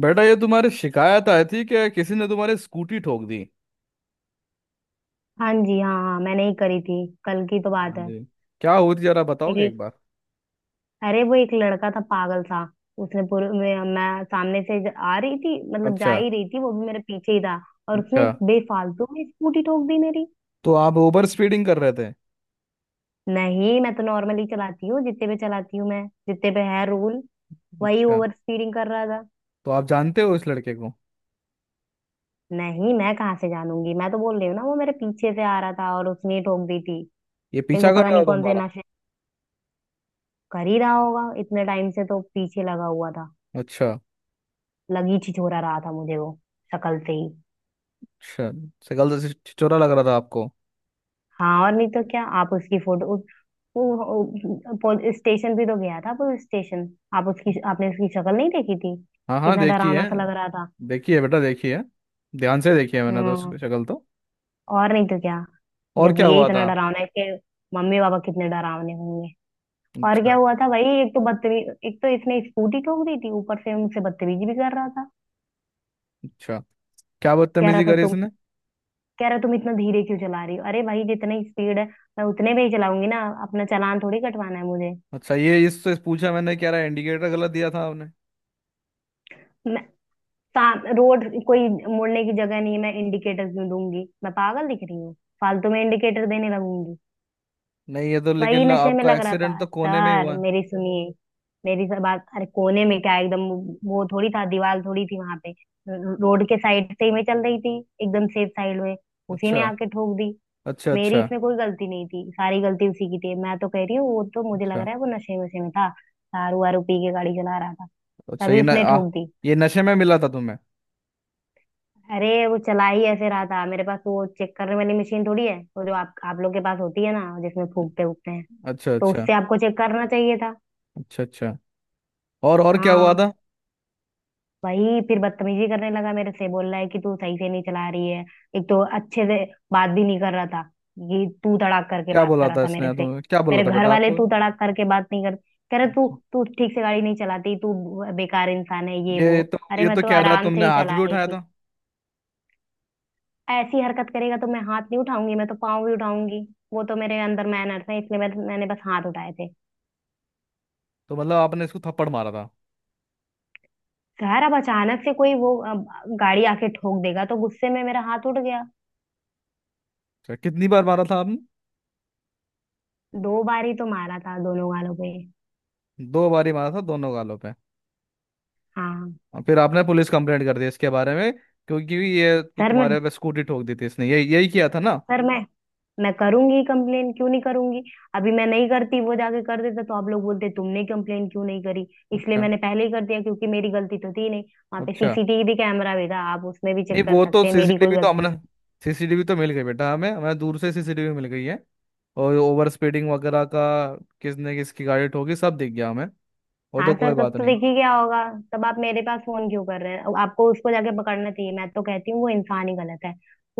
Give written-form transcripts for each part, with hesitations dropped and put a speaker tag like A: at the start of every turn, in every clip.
A: बेटा ये तुम्हारी शिकायत आई थी कि किसी ने तुम्हारी स्कूटी ठोक दी।
B: हाँ जी, हाँ हाँ, मैंने ही करी थी। कल की तो बात
A: हाँ
B: है।
A: जी। क्या हुई थी जरा बताओगे एक
B: एक
A: बार?
B: अरे वो एक लड़का था पागल सा। उसने पूरे मैं सामने से आ रही थी, मतलब जा
A: अच्छा।
B: ही रही थी, वो भी मेरे पीछे ही था। और
A: अच्छा,
B: उसने बेफालतू में स्कूटी ठोक दी मेरी।
A: तो आप ओवर स्पीडिंग कर रहे थे?
B: नहीं, मैं तो नॉर्मली चलाती हूँ, जितने पे चलाती हूँ मैं, जितने पे है रूल। वही
A: अच्छा।
B: ओवर स्पीडिंग कर रहा था।
A: तो आप जानते हो इस लड़के को?
B: नहीं, मैं कहाँ से जानूंगी। मैं तो बोल रही हूँ ना, वो मेरे पीछे से आ रहा था और उसने ही ठोक दी थी।
A: ये
B: एक तो
A: पीछा
B: पता
A: कर रहा
B: नहीं
A: था
B: कौन से
A: तुम्हारा?
B: नशे कर ही रहा होगा। इतने टाइम से तो पीछे लगा हुआ था।
A: अच्छा।
B: लगी छिछोरा रहा था मुझे वो, शक्ल से ही।
A: अच्छा, शक्ल से छिछोरा लग रहा था आपको?
B: हाँ, और नहीं तो क्या। आप उसकी फोटो वो पुलिस स्टेशन भी तो गया था, पुलिस स्टेशन। आप उसकी, आपने उसकी शक्ल नहीं देखी थी?
A: हाँ हाँ,
B: कितना
A: देखी
B: डरावना
A: है।
B: सा लग रहा था।
A: देखी है बेटा, देखी है। ध्यान से देखी है मैंने, तो
B: हम्म।
A: उसकी शक्ल तो।
B: और नहीं तो क्या।
A: और
B: जब
A: क्या
B: ये
A: हुआ
B: इतना
A: था?
B: डरावना है, इसके मम्मी पापा कितने डरावने होंगे। और
A: अच्छा।
B: क्या हुआ था भाई, एक तो बदतमीज, एक तो इसने स्कूटी ठोक दी थी, ऊपर से मुझसे बदतमीजी भी कर रहा था।
A: अच्छा, क्या
B: कह रहा
A: बदतमीजी
B: था
A: करी
B: तुम,
A: इसने?
B: कह रहा तुम इतना धीरे क्यों चला रही हो। अरे भाई, जितनी स्पीड है मैं उतने में ही चलाऊंगी ना, अपना चालान थोड़ी कटवाना है मुझे।
A: अच्छा, ये इससे पूछा मैंने, क्या रहा, इंडिकेटर गलत दिया था आपने?
B: मैं साम रोड, कोई मुड़ने की जगह नहीं है, मैं इंडिकेटर क्यों दूंगी, मैं पागल दिख रही हूँ, फालतू में इंडिकेटर देने लगूंगी।
A: नहीं, ये तो
B: वही
A: लेकिन
B: नशे में
A: आपका
B: लग रहा
A: एक्सीडेंट
B: था
A: तो कोने में ही
B: सर,
A: हुआ है।
B: मेरी सुनिए, मेरी सब बात। अरे कोने में क्या, एकदम वो थोड़ी था, दीवार थोड़ी थी वहां पे। रोड के साइड से ही मैं चल रही थी, एकदम सेफ साइड में। उसी
A: अच्छा।
B: ने आके ठोक दी।
A: अच्छा।
B: मेरी
A: अच्छा।
B: इसमें कोई गलती नहीं थी, सारी गलती उसी की थी। मैं तो कह रही हूँ, वो तो मुझे लग
A: अच्छा।
B: रहा है वो नशे वशे में था, दारू वारू पी के गाड़ी चला रहा था,
A: अच्छा,
B: तभी
A: ये न,
B: उसने
A: आ,
B: ठोक दी।
A: ये नशे में मिला था तुम्हें?
B: अरे वो चला ही ऐसे रहा था। मेरे पास तो वो चेक करने वाली मशीन थोड़ी है, वो जो आप लोग के पास होती है ना, जिसमें फूकते फूकते हैं।
A: अच्छा
B: तो
A: अच्छा।
B: उससे आपको चेक करना चाहिए था।
A: अच्छा अच्छा, और क्या हुआ
B: हाँ।
A: था?
B: वही फिर बदतमीजी करने लगा मेरे से। बोल रहा है कि तू सही से नहीं चला रही है। एक तो अच्छे से बात भी नहीं कर रहा था, ये तू तड़ाक करके
A: क्या
B: बात
A: बोला
B: कर रहा
A: था
B: था मेरे
A: इसने
B: से।
A: तुम्हें, क्या बोला
B: मेरे
A: था
B: घर
A: बेटा
B: वाले
A: आपको?
B: तू तड़ाक करके बात नहीं कर। कह रहे तू,
A: अच्छा।
B: तू ठीक से गाड़ी नहीं चलाती तू। बेकार इंसान है ये
A: ये
B: वो।
A: तो,
B: अरे
A: ये
B: मैं
A: तो
B: तो
A: कह रहा है
B: आराम से
A: तुमने
B: ही
A: हाथ भी
B: चला रही
A: उठाया था।
B: थी। ऐसी हरकत करेगा तो मैं हाथ नहीं उठाऊंगी, मैं तो पाँव भी उठाऊंगी। वो तो मेरे अंदर मैनर्स है इसलिए मैंने बस हाथ उठाए थे।
A: तो मतलब आपने इसको थप्पड़ मारा था?
B: खैर अब अचानक से कोई वो गाड़ी आके ठोक देगा तो गुस्से में मेरा हाथ उठ गया।
A: अच्छा, कितनी बार मारा था आपने?
B: दो बार ही तो मारा था, दोनों गालों पे।
A: दो बार ही मारा था दोनों गालों पे?
B: हाँ।
A: और फिर आपने पुलिस कंप्लेंट कर दी इसके बारे में, क्योंकि ये
B: सर मैं
A: तुम्हारे पे स्कूटी ठोक दी थी इसने, ये यही किया था ना?
B: सर, मैं मैं करूंगी कंप्लेन, क्यों नहीं करूंगी। अभी मैं नहीं करती, वो जाके कर देता तो आप लोग बोलते तुमने कंप्लेन क्यों नहीं करी। इसलिए
A: अच्छा
B: मैंने पहले ही कर दिया, क्योंकि मेरी गलती तो थी नहीं। वहां पे
A: अच्छा।
B: सीसीटीवी कैमरा भी था, आप उसमें भी
A: नहीं
B: चेक कर
A: वो तो
B: सकते हैं, मेरी कोई
A: सीसीटीवी तो
B: गलती
A: हमने
B: नहीं।
A: सीसीटीवी तो मिल गई बेटा, हमें हमें दूर से सीसीटीवी मिल गई है। और ओवर स्पीडिंग वगैरह का, किसने किसकी गाड़ी ठोकी, सब दिख गया हमें। वो
B: हाँ
A: तो
B: सर,
A: कोई
B: तब
A: बात
B: तो
A: नहीं।
B: देखिए क्या होगा। तब आप मेरे पास फोन क्यों कर रहे हैं, अब आपको उसको जाके पकड़ना चाहिए। मैं तो कहती हूँ वो इंसान ही गलत है।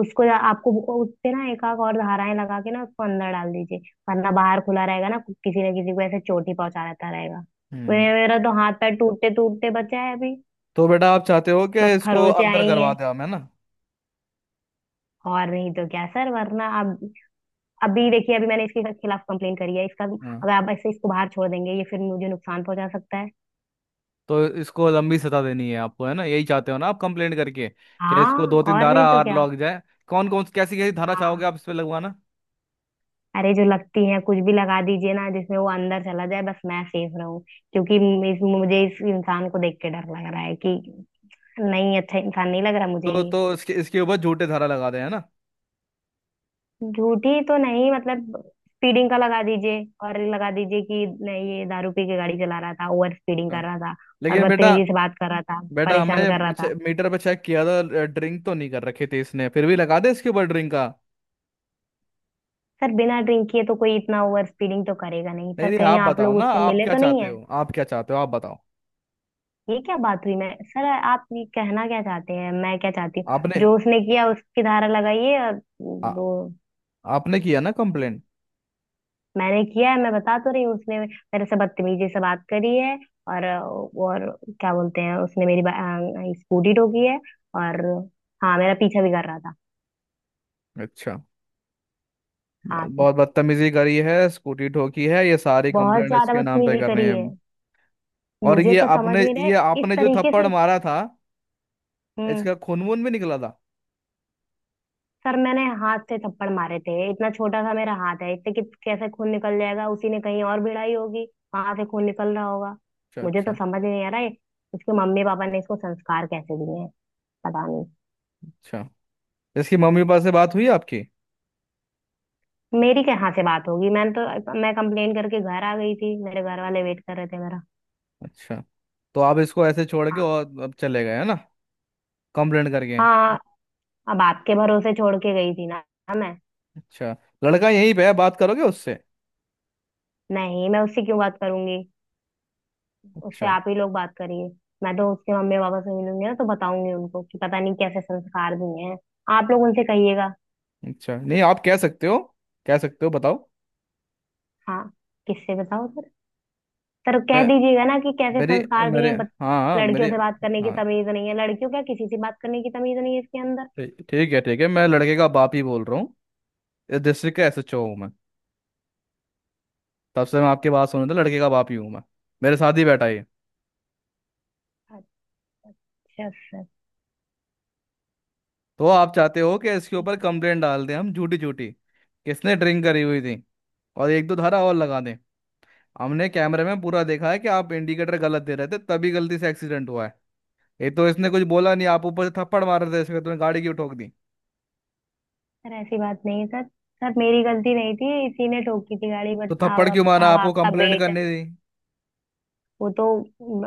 B: उसको जा- आपको वो- उस पे ना एक आध और धाराएं लगा के ना उसको अंदर डाल दीजिए, वरना बाहर खुला रहेगा ना, किसी ना किसी को ऐसे चोट ही पहुंचा रहता रहेगा।
A: हम्म
B: मेरा मेरा तो हाथ पैर टूटते टूटते बचा है अभी।
A: तो बेटा आप चाहते हो कि
B: बस
A: इसको
B: खरोचे
A: अंदर
B: आई
A: करवा
B: हैं।
A: दें हम, है ना?
B: और नहीं तो क्या सर, वरना अब, अभी देखिए, अभी मैंने इसके खिलाफ कंप्लेन करी है, इसका
A: हाँ,
B: अगर आप ऐसे इसको बाहर छोड़ देंगे, ये फिर मुझे नुकसान पहुंचा सकता है।
A: तो इसको लंबी सजा देनी है आपको, है ना? यही चाहते हो ना आप कंप्लेंट करके, कि इसको
B: हाँ,
A: दो तीन
B: और नहीं
A: धारा
B: तो
A: और
B: क्या।
A: लग जाए? कौन कौन कैसी कैसी धारा चाहोगे
B: हाँ।
A: आप इस पे लगवाना?
B: अरे जो लगती है कुछ भी लगा दीजिए ना, जिसमें वो अंदर चला जाए, बस मैं सेफ रहूं। क्योंकि मुझे इस इंसान को देख के डर लग रहा है कि नहीं, अच्छा इंसान नहीं लग रहा मुझे
A: तो
B: ये।
A: तो इसके इसके ऊपर झूठे धारा लगा दें, है ना?
B: झूठी तो नहीं, मतलब स्पीडिंग का लगा दीजिए, और लगा दीजिए कि नहीं ये दारू पी के गाड़ी चला रहा था, ओवर स्पीडिंग
A: हाँ,
B: कर रहा था, और
A: लेकिन बेटा।
B: बदतमीजी से बात कर रहा था,
A: बेटा
B: परेशान कर रहा
A: हमने
B: था।
A: मीटर पे चेक किया था, ड्रिंक तो नहीं कर रखे थे इसने, फिर भी लगा दे इसके ऊपर ड्रिंक का?
B: सर बिना ड्रिंक किए तो कोई इतना ओवर स्पीडिंग तो करेगा नहीं
A: नहीं
B: सर।
A: नहीं,
B: कहीं
A: आप
B: आप
A: बताओ
B: लोग
A: ना,
B: उससे
A: आप
B: मिले
A: क्या
B: तो नहीं?
A: चाहते हो, आप क्या चाहते हो आप बताओ।
B: ये क्या बात हुई। मैं, सर आप ये कहना क्या चाहते हैं मैं क्या चाहती हूँ।
A: आपने
B: जो उसने किया उसकी धारा लगाइए और
A: आ,
B: वो।
A: आपने किया ना कंप्लेंट?
B: मैंने किया है, मैं बता तो रही हूँ उसने मेरे से बदतमीजी से बात करी है। और क्या बोलते हैं, उसने मेरी स्कूटी ठोकी है। और, हाँ, मेरा पीछा भी कर रहा था।
A: अच्छा,
B: हाँ सर,
A: बहुत बदतमीजी करी है, स्कूटी ठोकी है, ये सारी
B: बहुत
A: कंप्लेंट
B: ज्यादा
A: इसके नाम पे
B: बदतमीजी
A: करनी
B: करी
A: है?
B: है।
A: और
B: मुझे
A: ये
B: तो समझ
A: आपने,
B: में
A: ये
B: नहीं, इस
A: आपने जो
B: तरीके
A: थप्पड़
B: से।
A: मारा था,
B: हम्म।
A: इसका खून वून भी निकला था?
B: सर मैंने हाथ से थप्पड़ मारे थे, इतना छोटा सा मेरा हाथ है, इतने कि कैसे खून निकल जाएगा। उसी ने कहीं और भिड़ाई होगी, वहां से खून निकल रहा होगा।
A: अच्छा
B: मुझे तो
A: अच्छा।
B: समझ नहीं आ रहा है, इसके मम्मी पापा ने इसको संस्कार कैसे दिए हैं, पता नहीं।
A: अच्छा, इसकी मम्मी पापा से बात हुई आपकी?
B: मेरी कहाँ से बात होगी, मैं कंप्लेन करके घर आ गई थी, मेरे घर वाले वेट कर रहे थे मेरा।
A: अच्छा, तो आप इसको ऐसे छोड़ के
B: हाँ।
A: और अब चले गए, है ना, कंप्लेंट करके?
B: हाँ, अब आपके भरोसे छोड़ के गई थी ना मैं।
A: अच्छा, लड़का यहीं पे है, बात करोगे उससे?
B: नहीं, मैं उससे क्यों बात करूंगी। उससे
A: अच्छा
B: आप ही लोग बात करिए। मैं तो उसके मम्मी पापा से मिलूंगी ना, तो बताऊंगी उनको कि पता नहीं कैसे संस्कार दिए हैं। आप लोग उनसे कहिएगा।
A: अच्छा, नहीं आप कह सकते हो, कह सकते हो बताओ।
B: हाँ। किससे बताओ सर। सर कह
A: मैं
B: दीजिएगा ना कि कैसे
A: मेरे
B: संस्कार दिए
A: मेरे
B: हैं
A: हाँ हाँ
B: लड़कियों
A: मेरे
B: से बात करने की
A: हाँ,
B: तमीज नहीं है। लड़कियों क्या, किसी से बात करने की तमीज नहीं है इसके अंदर।
A: ठीक ठीक है, ठीक है, मैं लड़के का बाप ही बोल रहा हूँ। इस डिस्ट्रिक्ट का एसएचओ हूँ मैं। तब से मैं आपके बात सुन रहा था, लड़के का बाप ही हूँ मैं। मेरे साथ ही बैठा है ये।
B: अच्छा अच्छा सर।
A: तो आप चाहते हो कि इसके ऊपर कंप्लेंट डाल दें हम, झूठी झूठी, किसने ड्रिंक करी हुई थी, और एक दो धारा और लगा दें? हमने कैमरे में पूरा देखा है कि आप इंडिकेटर गलत दे रहे थे, तभी गलती से एक्सीडेंट हुआ है। ये तो इसने कुछ बोला नहीं, आप ऊपर से थप्पड़ मार रहे थे, इसमें तुमने गाड़ी क्यों ठोक दी?
B: सर ऐसी बात नहीं है सर, सर मेरी गलती नहीं थी, इसी ने ठोकी थी गाड़ी। बट
A: तो थप्पड़
B: अब,
A: क्यों
B: अब
A: मारा,
B: अब
A: आपको
B: आपका
A: कंप्लेंट
B: बेटा,
A: करने दी?
B: वो तो।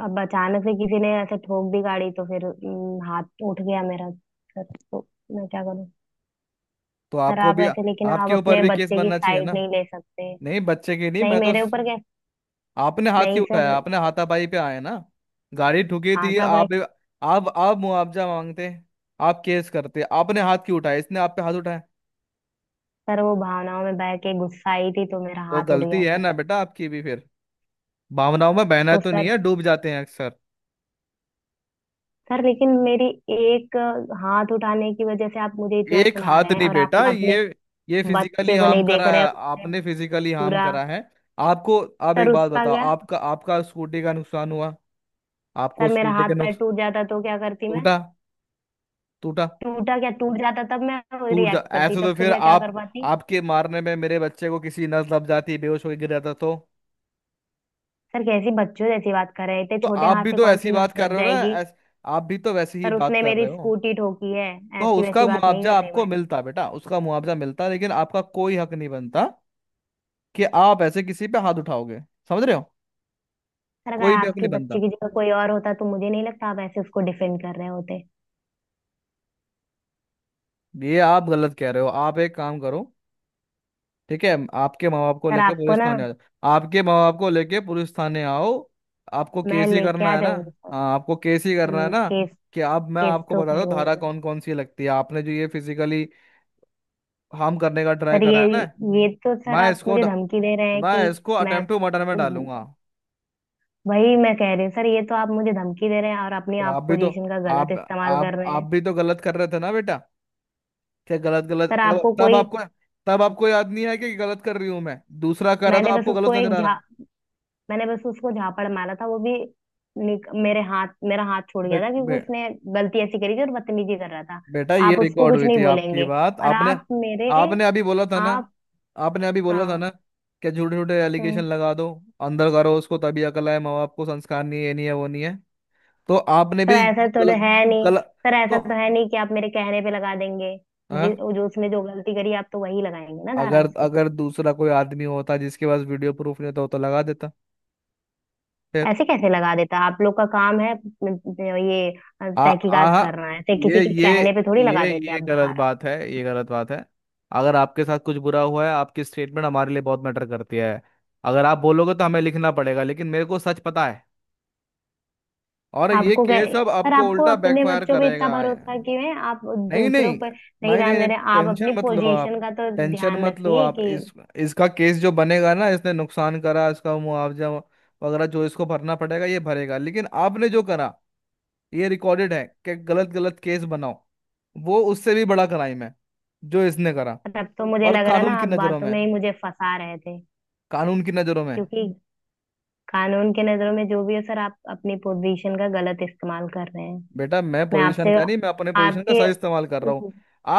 B: अब अचानक से किसी ने ऐसे ठोक दी गाड़ी तो फिर हाथ उठ गया मेरा सर, तो मैं क्या करूं।
A: तो
B: सर
A: आपको
B: आप
A: भी,
B: ऐसे, लेकिन आप
A: आपके ऊपर
B: अपने
A: भी केस
B: बच्चे की
A: बनना चाहिए
B: साइड
A: ना?
B: नहीं ले सकते।
A: नहीं बच्चे की नहीं,
B: नहीं,
A: मैं तो,
B: मेरे ऊपर क्या।
A: आपने हाथ
B: नहीं
A: क्यों
B: सर।
A: उठाया, आपने हाथापाई पे आए ना। गाड़ी ठुकी
B: हाँ
A: थी,
B: था भाई।
A: आप मुआवजा मांगते, आप केस करते, आपने हाथ क्यों उठाया, इसने आप पे हाथ उठाया?
B: सर वो भावनाओं में बह के गुस्सा आई थी तो मेरा
A: तो
B: हाथ उठ
A: गलती
B: गया
A: है
B: सर।
A: ना बेटा आपकी भी फिर। भावनाओं में बहना
B: तो
A: तो नहीं
B: सर,
A: है, डूब जाते हैं अक्सर।
B: सर लेकिन मेरी एक हाथ उठाने की वजह से आप मुझे इतना
A: एक
B: सुना
A: हाथ
B: रहे हैं,
A: नहीं
B: और आप
A: बेटा,
B: अपने
A: ये फिजिकली
B: बच्चे को
A: हार्म
B: नहीं देख
A: करा
B: रहे
A: है,
B: हैं। उसने
A: आपने फिजिकली हार्म
B: पूरा।
A: करा है आपको। आप
B: सर
A: एक बात
B: उसका
A: बताओ,
B: क्या।
A: आपका आपका स्कूटी का नुकसान हुआ, आपको
B: सर मेरा
A: स्कूटी
B: हाथ
A: के
B: पैर
A: नुकसान।
B: टूट जाता तो क्या करती मैं।
A: टूटा? टूटा?
B: टूटा क्या, टूट जाता तब मैं
A: टूट जा
B: रिएक्ट करती,
A: ऐसे
B: तब
A: तो
B: फिर
A: फिर
B: मैं क्या कर
A: आप,
B: पाती।
A: आपके मारने में मेरे बच्चे को किसी नस दब जाती, बेहोश होकर गिर जाता तो?
B: सर कैसी बच्चों जैसी बात कर रहे हैं, इतने
A: तो
B: छोटे
A: आप
B: हाथ
A: भी
B: से
A: तो
B: कौन सी
A: ऐसी
B: नस
A: बात कर
B: दब
A: रहे हो ना।
B: जाएगी।
A: ऐस, आप भी तो वैसी ही
B: सर
A: बात
B: उसने
A: कर
B: मेरी
A: रहे हो।
B: स्कूटी ठोकी है।
A: तो
B: ऐसी
A: उसका
B: वैसी बात नहीं
A: मुआवजा
B: कर रही
A: आपको
B: मैं।
A: मिलता बेटा, उसका मुआवजा मिलता, लेकिन आपका कोई हक नहीं बनता कि आप ऐसे किसी पे हाथ उठाओगे, समझ रहे हो?
B: सर अगर
A: कोई भी हक
B: आपके
A: नहीं बनता।
B: बच्चे की जगह कोई और होता तो मुझे नहीं लगता आप ऐसे उसको डिफेंड कर रहे होते।
A: ये आप गलत कह रहे हो। आप एक काम करो, ठीक है, आपके माँ बाप को
B: सर
A: लेके
B: आपको
A: पुलिस
B: ना,
A: थाने आ जाओ। आपके माँ बाप को लेके पुलिस थाने आओ, आपको
B: मैं
A: केस ही
B: लेके
A: करना
B: आ
A: है ना?
B: जाऊंगी सर।
A: हाँ, आपको केस ही करना है
B: हम्म।
A: ना,
B: केस,
A: कि अब मैं
B: केस
A: आपको
B: तो
A: बता दूं
B: करूंगी
A: धारा
B: मैं।
A: कौन कौन सी लगती है, आपने जो ये फिजिकली हार्म करने का ट्राई
B: सर
A: करा
B: ये
A: है ना।
B: ये तो सर
A: मैं
B: आप
A: इसको
B: मुझे
A: ड-
B: धमकी दे रहे हैं
A: मैं
B: कि
A: इसको
B: मैं।
A: अटेम्प्ट टू मर्डर में डालूंगा।
B: वही मैं कह रही हूँ सर, ये तो आप मुझे धमकी दे रहे हैं और अपनी
A: तो
B: आप
A: आप भी तो,
B: पोजीशन का गलत
A: आप
B: इस्तेमाल
A: आप
B: कर रहे
A: आप
B: हैं।
A: भी तो गलत कर रहे थे ना बेटा। क्या गलत गलत,
B: सर
A: तब
B: आपको
A: तब
B: कोई।
A: आपको, तब आपको याद नहीं आया कि गलत कर रही हूं मैं? दूसरा कर रहा तो
B: मैंने बस
A: आपको
B: उसको
A: गलत नजर
B: एक
A: आ रहा
B: झा
A: है?
B: मैंने बस उसको झापड़ मारा था, वो भी मेरे हाथ मेरा हाथ छूट
A: बे,
B: गया था, क्योंकि
A: बे,
B: उसने गलती ऐसी करी थी और बदतमीजी कर रहा था।
A: बेटा ये
B: आप उसको
A: रिकॉर्ड
B: कुछ
A: हुई
B: नहीं
A: थी आपकी
B: बोलेंगे
A: बात,
B: और
A: आपने,
B: आप मेरे।
A: आपने अभी बोला था ना,
B: आप।
A: आपने अभी बोला था
B: हाँ।
A: ना, कि झूठे झूठे एलिगेशन
B: हम्म।
A: लगा दो, अंदर करो उसको, तभी अकल आए, माँ बाप को संस्कार नहीं है, ये नहीं है वो नहीं है। तो आपने
B: सर
A: भी
B: ऐसा तो
A: कल,
B: है नहीं।
A: कल
B: सर ऐसा
A: तो।
B: तो है नहीं कि आप मेरे कहने पे लगा देंगे।
A: हाँ,
B: जो उसने जो गलती करी आप तो वही लगाएंगे ना धारा
A: अगर
B: उसपे।
A: अगर दूसरा कोई आदमी होता जिसके पास वीडियो प्रूफ नहीं होता, वो तो लगा देता।
B: ऐसे कैसे लगा देता, आप लोग का काम है ये
A: आ
B: तहकीकात
A: आ
B: करना है, ऐसे
A: ये
B: किसी के
A: ये
B: कहने पे थोड़ी लगा
A: ये
B: देते
A: ये
B: आप
A: गलत
B: धारा।
A: बात है, ये गलत बात है। अगर आपके साथ कुछ बुरा हुआ है, आपकी स्टेटमेंट हमारे लिए बहुत मैटर करती है, अगर आप बोलोगे तो हमें लिखना पड़ेगा, लेकिन मेरे को सच पता है। और ये
B: आपको क्या।
A: केस अब
B: सर
A: आपको
B: आपको
A: उल्टा
B: अपने
A: बैकफायर
B: बच्चों पे इतना
A: करेगा।
B: भरोसा क्यों है, आप
A: नहीं
B: दूसरों
A: नहीं
B: पर नहीं
A: नहीं नहीं
B: ध्यान
A: नहीं,
B: दे रहे। आप अपनी
A: टेंशन मत लो आप,
B: पोजीशन का तो
A: टेंशन
B: ध्यान
A: मत लो
B: रखिए
A: आप।
B: कि,
A: इस, इसका केस जो बनेगा ना, इसने नुकसान करा, इसका मुआवजा वगैरह जो इसको भरना पड़ेगा ये भरेगा, लेकिन आपने जो करा, ये रिकॉर्डेड है कि गलत गलत केस बनाओ, वो उससे भी बड़ा क्राइम है जो इसने करा,
B: तब तो मुझे
A: और
B: लग रहा
A: कानून
B: ना
A: की
B: आप
A: नजरों
B: बातों
A: में,
B: में ही मुझे फंसा रहे थे।
A: कानून की नजरों में।
B: क्योंकि कानून के नजरों में जो भी हो सर, आप अपनी पोजीशन का गलत इस्तेमाल कर रहे हैं।
A: बेटा मैं
B: मैं
A: पोजीशन
B: आपसे,
A: का नहीं, मैं अपने पोजीशन का
B: आपके,
A: सही इस्तेमाल कर रहा हूँ।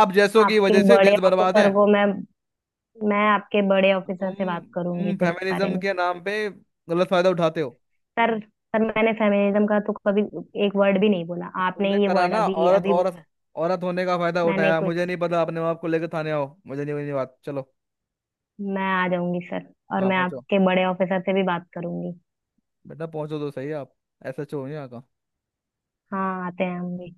A: आप जैसों की
B: आपके
A: वजह से देश
B: बड़े
A: बर्बाद
B: ऑफिसर
A: है।
B: को मैं आपके बड़े ऑफिसर
A: तुम
B: से बात करूंगी
A: तुम
B: फिर इस बारे
A: फेमिनिज्म
B: में।
A: के नाम पे गलत फायदा उठाते हो।
B: सर, सर मैंने फेमिनिज्म का तो कभी एक वर्ड भी नहीं बोला, आपने
A: तुमने
B: ये
A: करा
B: वर्ड
A: ना,
B: अभी
A: औरत
B: अभी वो।
A: औरत औरत होने का फायदा
B: मैंने
A: उठाया। मुझे
B: कुछ,
A: नहीं पता, अपने माँ बाप को लेकर थाने आओ, मुझे नहीं बनी बात, चलो।
B: मैं आ जाऊंगी सर, और
A: हाँ,
B: मैं
A: पहुंचो,
B: आपके बड़े ऑफिसर से भी बात करूंगी।
A: बेटा पहुंचो तो सही आप। ऐसा छोड़ो यहाँ।
B: हाँ, आते हैं हम भी।